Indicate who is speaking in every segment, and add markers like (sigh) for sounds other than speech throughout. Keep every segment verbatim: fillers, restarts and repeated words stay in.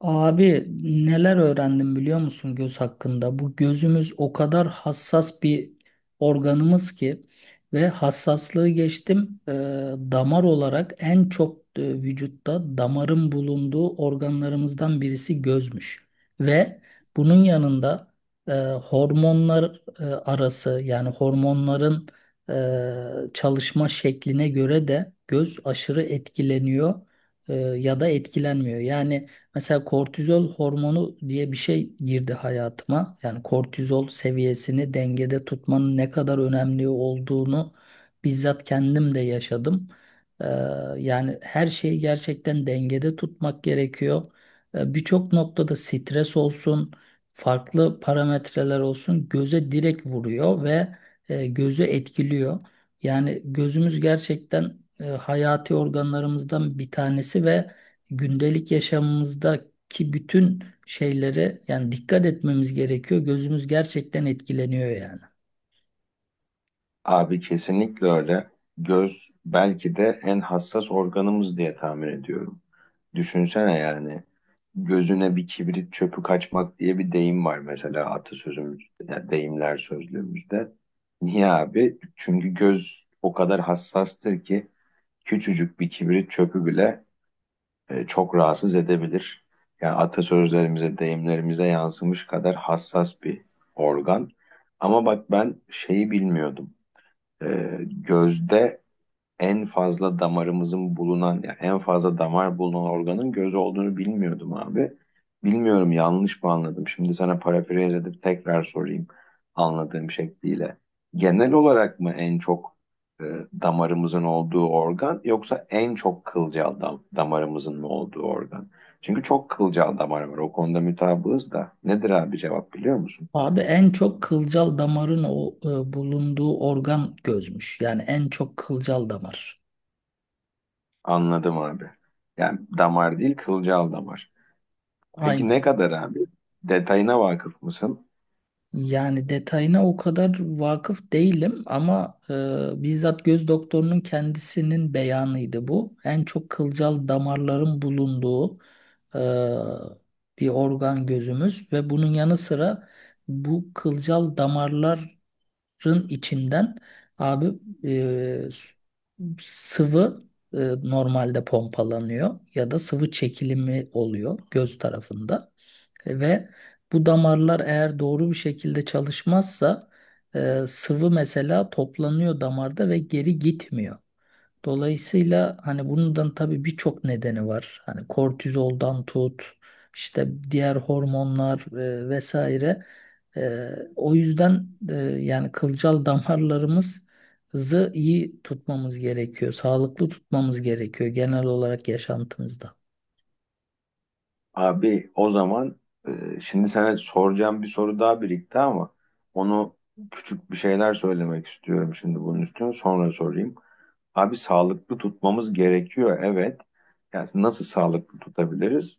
Speaker 1: Abi, neler öğrendim biliyor musun göz hakkında? Bu gözümüz o kadar hassas bir organımız ki ve hassaslığı geçtim, e, damar olarak en çok e, vücutta damarın bulunduğu organlarımızdan birisi gözmüş. Ve bunun yanında e, hormonlar, e, arası yani hormonların e, çalışma şekline göre de göz aşırı etkileniyor e, ya da etkilenmiyor. Yani Mesela kortizol hormonu diye bir şey girdi hayatıma. Yani kortizol seviyesini dengede tutmanın ne kadar önemli olduğunu bizzat kendim de yaşadım. Ee, Yani her şeyi gerçekten dengede tutmak gerekiyor. Ee, birçok noktada stres olsun, farklı parametreler olsun göze direkt vuruyor ve e, gözü etkiliyor. Yani gözümüz gerçekten e, hayati organlarımızdan bir tanesi ve gündelik yaşamımızdaki bütün şeylere yani dikkat etmemiz gerekiyor. Gözümüz gerçekten etkileniyor yani.
Speaker 2: Abi kesinlikle öyle. Göz belki de en hassas organımız diye tahmin ediyorum. Düşünsene yani gözüne bir kibrit çöpü kaçmak diye bir deyim var mesela atasözümüzde, yani deyimler sözlüğümüzde. Niye abi? Çünkü göz o kadar hassastır ki küçücük bir kibrit çöpü bile e, çok rahatsız edebilir. Yani atasözlerimize, deyimlerimize yansımış kadar hassas bir organ. Ama bak ben şeyi bilmiyordum, e, gözde en fazla damarımızın bulunan yani en fazla damar bulunan organın göz olduğunu bilmiyordum abi. Bilmiyorum, yanlış mı anladım? Şimdi sana parafraze edip tekrar sorayım anladığım şekliyle. Genel olarak mı en çok e, damarımızın olduğu organ, yoksa en çok kılcal dam damarımızın mı olduğu organ? Çünkü çok kılcal damar var. O konuda mutabığız da. Nedir abi, cevap biliyor musun?
Speaker 1: Abi, en çok kılcal damarın o e, bulunduğu organ gözmüş. Yani en çok kılcal damar.
Speaker 2: Anladım abi. Yani damar değil, kılcal damar. Peki
Speaker 1: Aynen.
Speaker 2: ne kadar abi? Detayına vakıf mısın?
Speaker 1: Yani detayına o kadar vakıf değilim ama e, bizzat göz doktorunun kendisinin beyanıydı bu. En çok kılcal damarların bulunduğu e, bir organ gözümüz ve bunun yanı sıra bu kılcal damarların içinden abi, e, sıvı e, normalde pompalanıyor ya da sıvı çekilimi oluyor göz tarafında. Ve bu damarlar eğer doğru bir şekilde çalışmazsa e, sıvı mesela toplanıyor damarda ve geri gitmiyor. Dolayısıyla hani bundan tabii birçok nedeni var. Hani kortizoldan tut, işte diğer hormonlar e, vesaire. E, O yüzden e, yani kılcal (laughs) damarlarımızı iyi tutmamız gerekiyor. Sağlıklı tutmamız gerekiyor genel olarak yaşantımızda.
Speaker 2: Abi o zaman, e, şimdi sana soracağım bir soru daha birikti ama onu küçük bir şeyler söylemek istiyorum şimdi bunun üstüne, sonra sorayım. Abi sağlıklı tutmamız gerekiyor, evet. Yani nasıl sağlıklı tutabiliriz?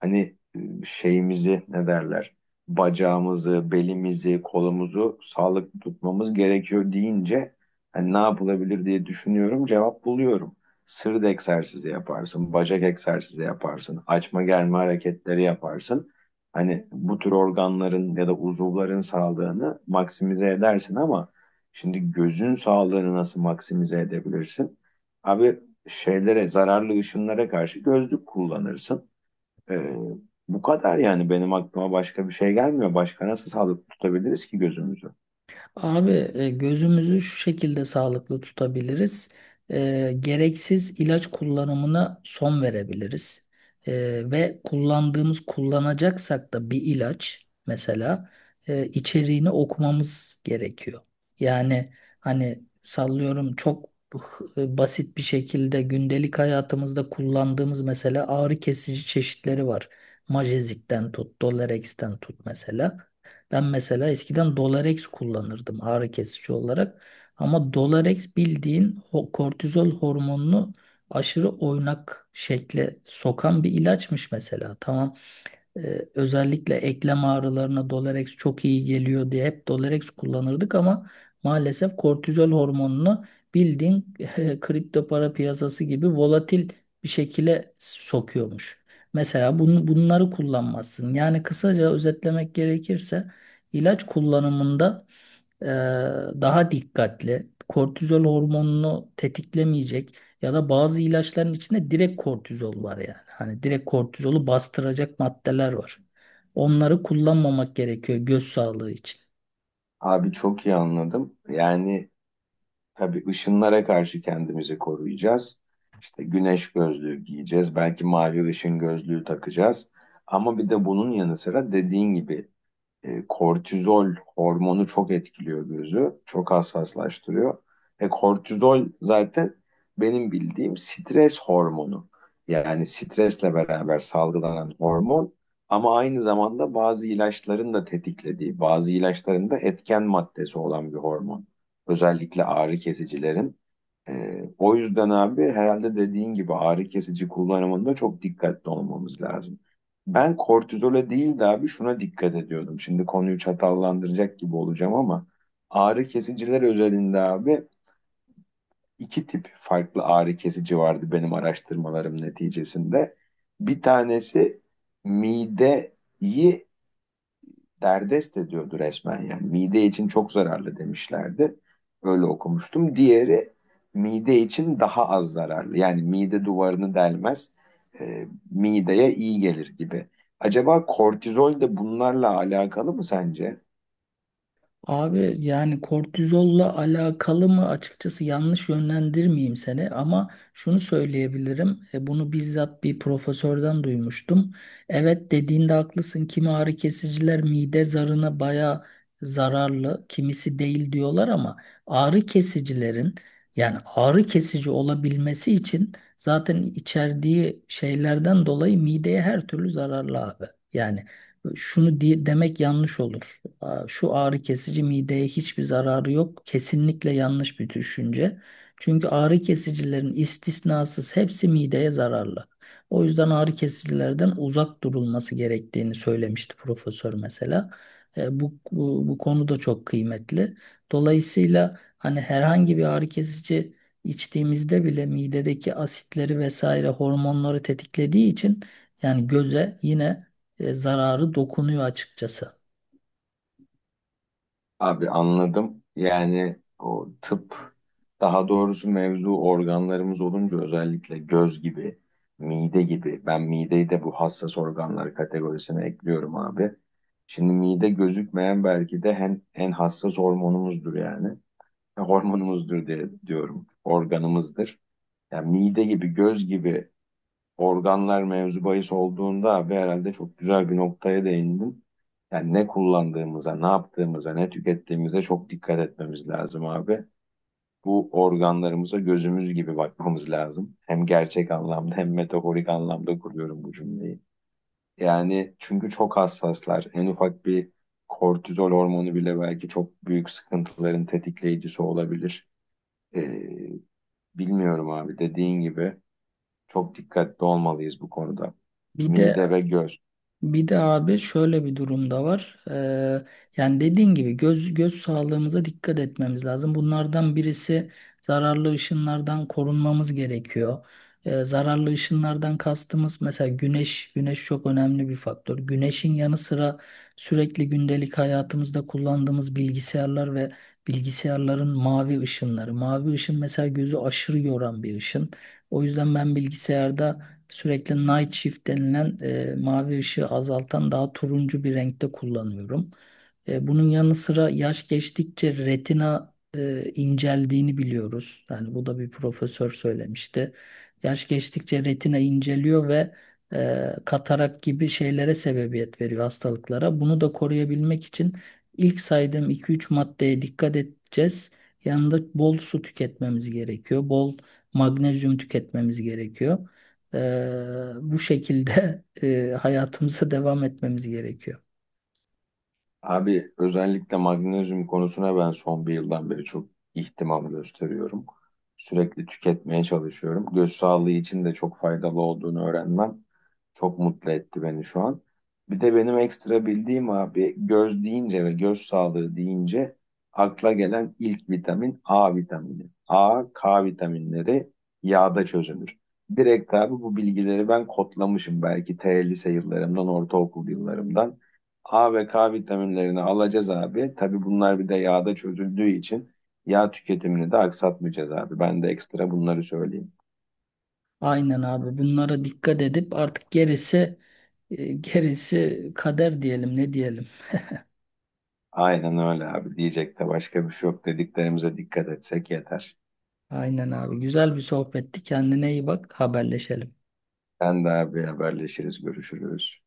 Speaker 2: Hani e, şeyimizi, ne derler, bacağımızı, belimizi, kolumuzu sağlıklı tutmamız gerekiyor deyince hani ne yapılabilir diye düşünüyorum. Cevap buluyorum. Sırt egzersizi yaparsın, bacak egzersizi yaparsın, açma germe hareketleri yaparsın. Hani bu tür organların ya da uzuvların sağlığını maksimize edersin ama şimdi gözün sağlığını nasıl maksimize edebilirsin? Abi şeylere, zararlı ışınlara karşı gözlük kullanırsın. Ee, Bu kadar yani, benim aklıma başka bir şey gelmiyor. Başka nasıl sağlıklı tutabiliriz ki gözümüzü?
Speaker 1: Abi, e, gözümüzü şu şekilde sağlıklı tutabiliriz. E, gereksiz ilaç kullanımına son verebiliriz. E, ve kullandığımız kullanacaksak da bir ilaç mesela e, içeriğini okumamız gerekiyor. Yani hani sallıyorum, çok h- e, basit bir şekilde gündelik hayatımızda kullandığımız mesela ağrı kesici çeşitleri var. Majezik'ten tut, Dolerex'ten tut mesela. Ben mesela eskiden Dolarex kullanırdım ağrı kesici olarak. Ama Dolarex bildiğin ho- kortizol hormonunu aşırı oynak şekle sokan bir ilaçmış mesela. Tamam, ee, özellikle eklem ağrılarına Dolerex çok iyi geliyor diye hep Dolerex kullanırdık ama maalesef kortizol hormonunu bildiğin (laughs) e, kripto para piyasası gibi volatil bir şekilde sokuyormuş. Mesela bunu, bunları kullanmazsın. Yani kısaca özetlemek gerekirse ilaç kullanımında e, daha dikkatli, kortizol hormonunu tetiklemeyecek ya da bazı ilaçların içinde direkt kortizol var yani. Hani direkt kortizolu bastıracak maddeler var. Onları kullanmamak gerekiyor göz sağlığı için.
Speaker 2: Abi çok iyi anladım. Yani tabii ışınlara karşı kendimizi koruyacağız. İşte güneş gözlüğü giyeceğiz. Belki mavi ışın gözlüğü takacağız. Ama bir de bunun yanı sıra dediğin gibi, E, kortizol hormonu çok etkiliyor gözü. Çok hassaslaştırıyor. E, kortizol zaten benim bildiğim stres hormonu. Yani stresle beraber salgılanan hormon ama aynı zamanda bazı ilaçların da tetiklediği, bazı ilaçların da etken maddesi olan bir hormon. Özellikle ağrı kesicilerin. Ee, o yüzden abi, herhalde dediğin gibi ağrı kesici kullanımında çok dikkatli olmamız lazım. Ben kortizole değil de abi şuna dikkat ediyordum. Şimdi konuyu çatallandıracak gibi olacağım ama ağrı kesiciler özelinde abi, iki tip farklı ağrı kesici vardı benim araştırmalarım neticesinde. Bir tanesi mideyi derdest ediyordu resmen yani. Mide için çok zararlı demişlerdi. Öyle okumuştum. Diğeri mide için daha az zararlı. Yani mide duvarını delmez, e, mideye iyi gelir gibi. Acaba kortizol de bunlarla alakalı mı sence?
Speaker 1: Abi yani kortizolla alakalı mı, açıkçası yanlış yönlendirmeyeyim seni, ama şunu söyleyebilirim. E, Bunu bizzat bir profesörden duymuştum. Evet, dediğinde haklısın. Kimi ağrı kesiciler mide zarına baya zararlı, kimisi değil diyorlar ama ağrı kesicilerin, yani ağrı kesici olabilmesi için zaten içerdiği şeylerden dolayı mideye her türlü zararlı abi. Yani şunu diye, demek yanlış olur. Aa, şu ağrı kesici mideye hiçbir zararı yok. Kesinlikle yanlış bir düşünce. Çünkü ağrı kesicilerin istisnasız hepsi mideye zararlı. O yüzden ağrı kesicilerden uzak durulması gerektiğini söylemişti profesör mesela. E, bu, bu, bu konu da çok kıymetli. Dolayısıyla hani herhangi bir ağrı kesici içtiğimizde bile midedeki asitleri vesaire hormonları tetiklediği için yani göze yine e, zararı dokunuyor açıkçası.
Speaker 2: Abi anladım. Yani o tıp, daha doğrusu mevzu organlarımız olunca, özellikle göz gibi, mide gibi. Ben mideyi de bu hassas organlar kategorisine ekliyorum abi. Şimdi mide gözükmeyen belki de en, en hassas hormonumuzdur yani. (laughs) Hormonumuzdur diye diyorum. Organımızdır. Yani mide gibi, göz gibi organlar mevzu bahis olduğunda abi, herhalde çok güzel bir noktaya değindim. Yani ne kullandığımıza, ne yaptığımıza, ne tükettiğimize çok dikkat etmemiz lazım abi. Bu organlarımıza gözümüz gibi bakmamız lazım. Hem gerçek anlamda hem metaforik anlamda kuruyorum bu cümleyi. Yani çünkü çok hassaslar. En ufak bir kortizol hormonu bile belki çok büyük sıkıntıların tetikleyicisi olabilir. Ee, Bilmiyorum abi, dediğin gibi. Çok dikkatli olmalıyız bu konuda.
Speaker 1: Bir de
Speaker 2: Mide ve göz.
Speaker 1: bir de abi şöyle bir durum da var. Ee, yani dediğin gibi göz göz sağlığımıza dikkat etmemiz lazım. Bunlardan birisi, zararlı ışınlardan korunmamız gerekiyor. Ee, zararlı ışınlardan kastımız mesela güneş. Güneş çok önemli bir faktör. Güneşin yanı sıra sürekli gündelik hayatımızda kullandığımız bilgisayarlar ve bilgisayarların mavi ışınları. Mavi ışın mesela gözü aşırı yoran bir ışın. O yüzden ben bilgisayarda sürekli night shift denilen, e, mavi ışığı azaltan daha turuncu bir renkte kullanıyorum. E, bunun yanı sıra yaş geçtikçe retina e, inceldiğini biliyoruz. Yani bu da bir profesör söylemişti. Yaş geçtikçe retina inceliyor ve e, katarak gibi şeylere, sebebiyet veriyor. Hastalıklara. Bunu da koruyabilmek için ilk saydığım iki üç maddeye dikkat edeceğiz. Yanında bol su tüketmemiz gerekiyor. Bol magnezyum tüketmemiz gerekiyor. Ee, bu şekilde (laughs) e, hayatımıza devam etmemiz gerekiyor.
Speaker 2: Abi özellikle magnezyum konusuna ben son bir yıldan beri çok ihtimam gösteriyorum. Sürekli tüketmeye çalışıyorum. Göz sağlığı için de çok faydalı olduğunu öğrenmem çok mutlu etti beni şu an. Bir de benim ekstra bildiğim abi, göz deyince ve göz sağlığı deyince akla gelen ilk vitamin A vitamini. a, ka vitaminleri yağda çözünür. Direkt abi bu bilgileri ben kodlamışım belki T lise yıllarımdan, ortaokul yıllarımdan. a ve ka vitaminlerini alacağız abi. Tabii bunlar bir de yağda çözüldüğü için yağ tüketimini de aksatmayacağız abi. Ben de ekstra bunları söyleyeyim.
Speaker 1: Aynen abi, bunlara dikkat edip artık gerisi, e, gerisi kader diyelim, ne diyelim.
Speaker 2: Aynen öyle abi. Diyecek de başka bir şey yok. Dediklerimize dikkat etsek yeter.
Speaker 1: Aynen abi, güzel bir sohbetti, kendine iyi bak, haberleşelim.
Speaker 2: Sen de abi, haberleşiriz, görüşürüz.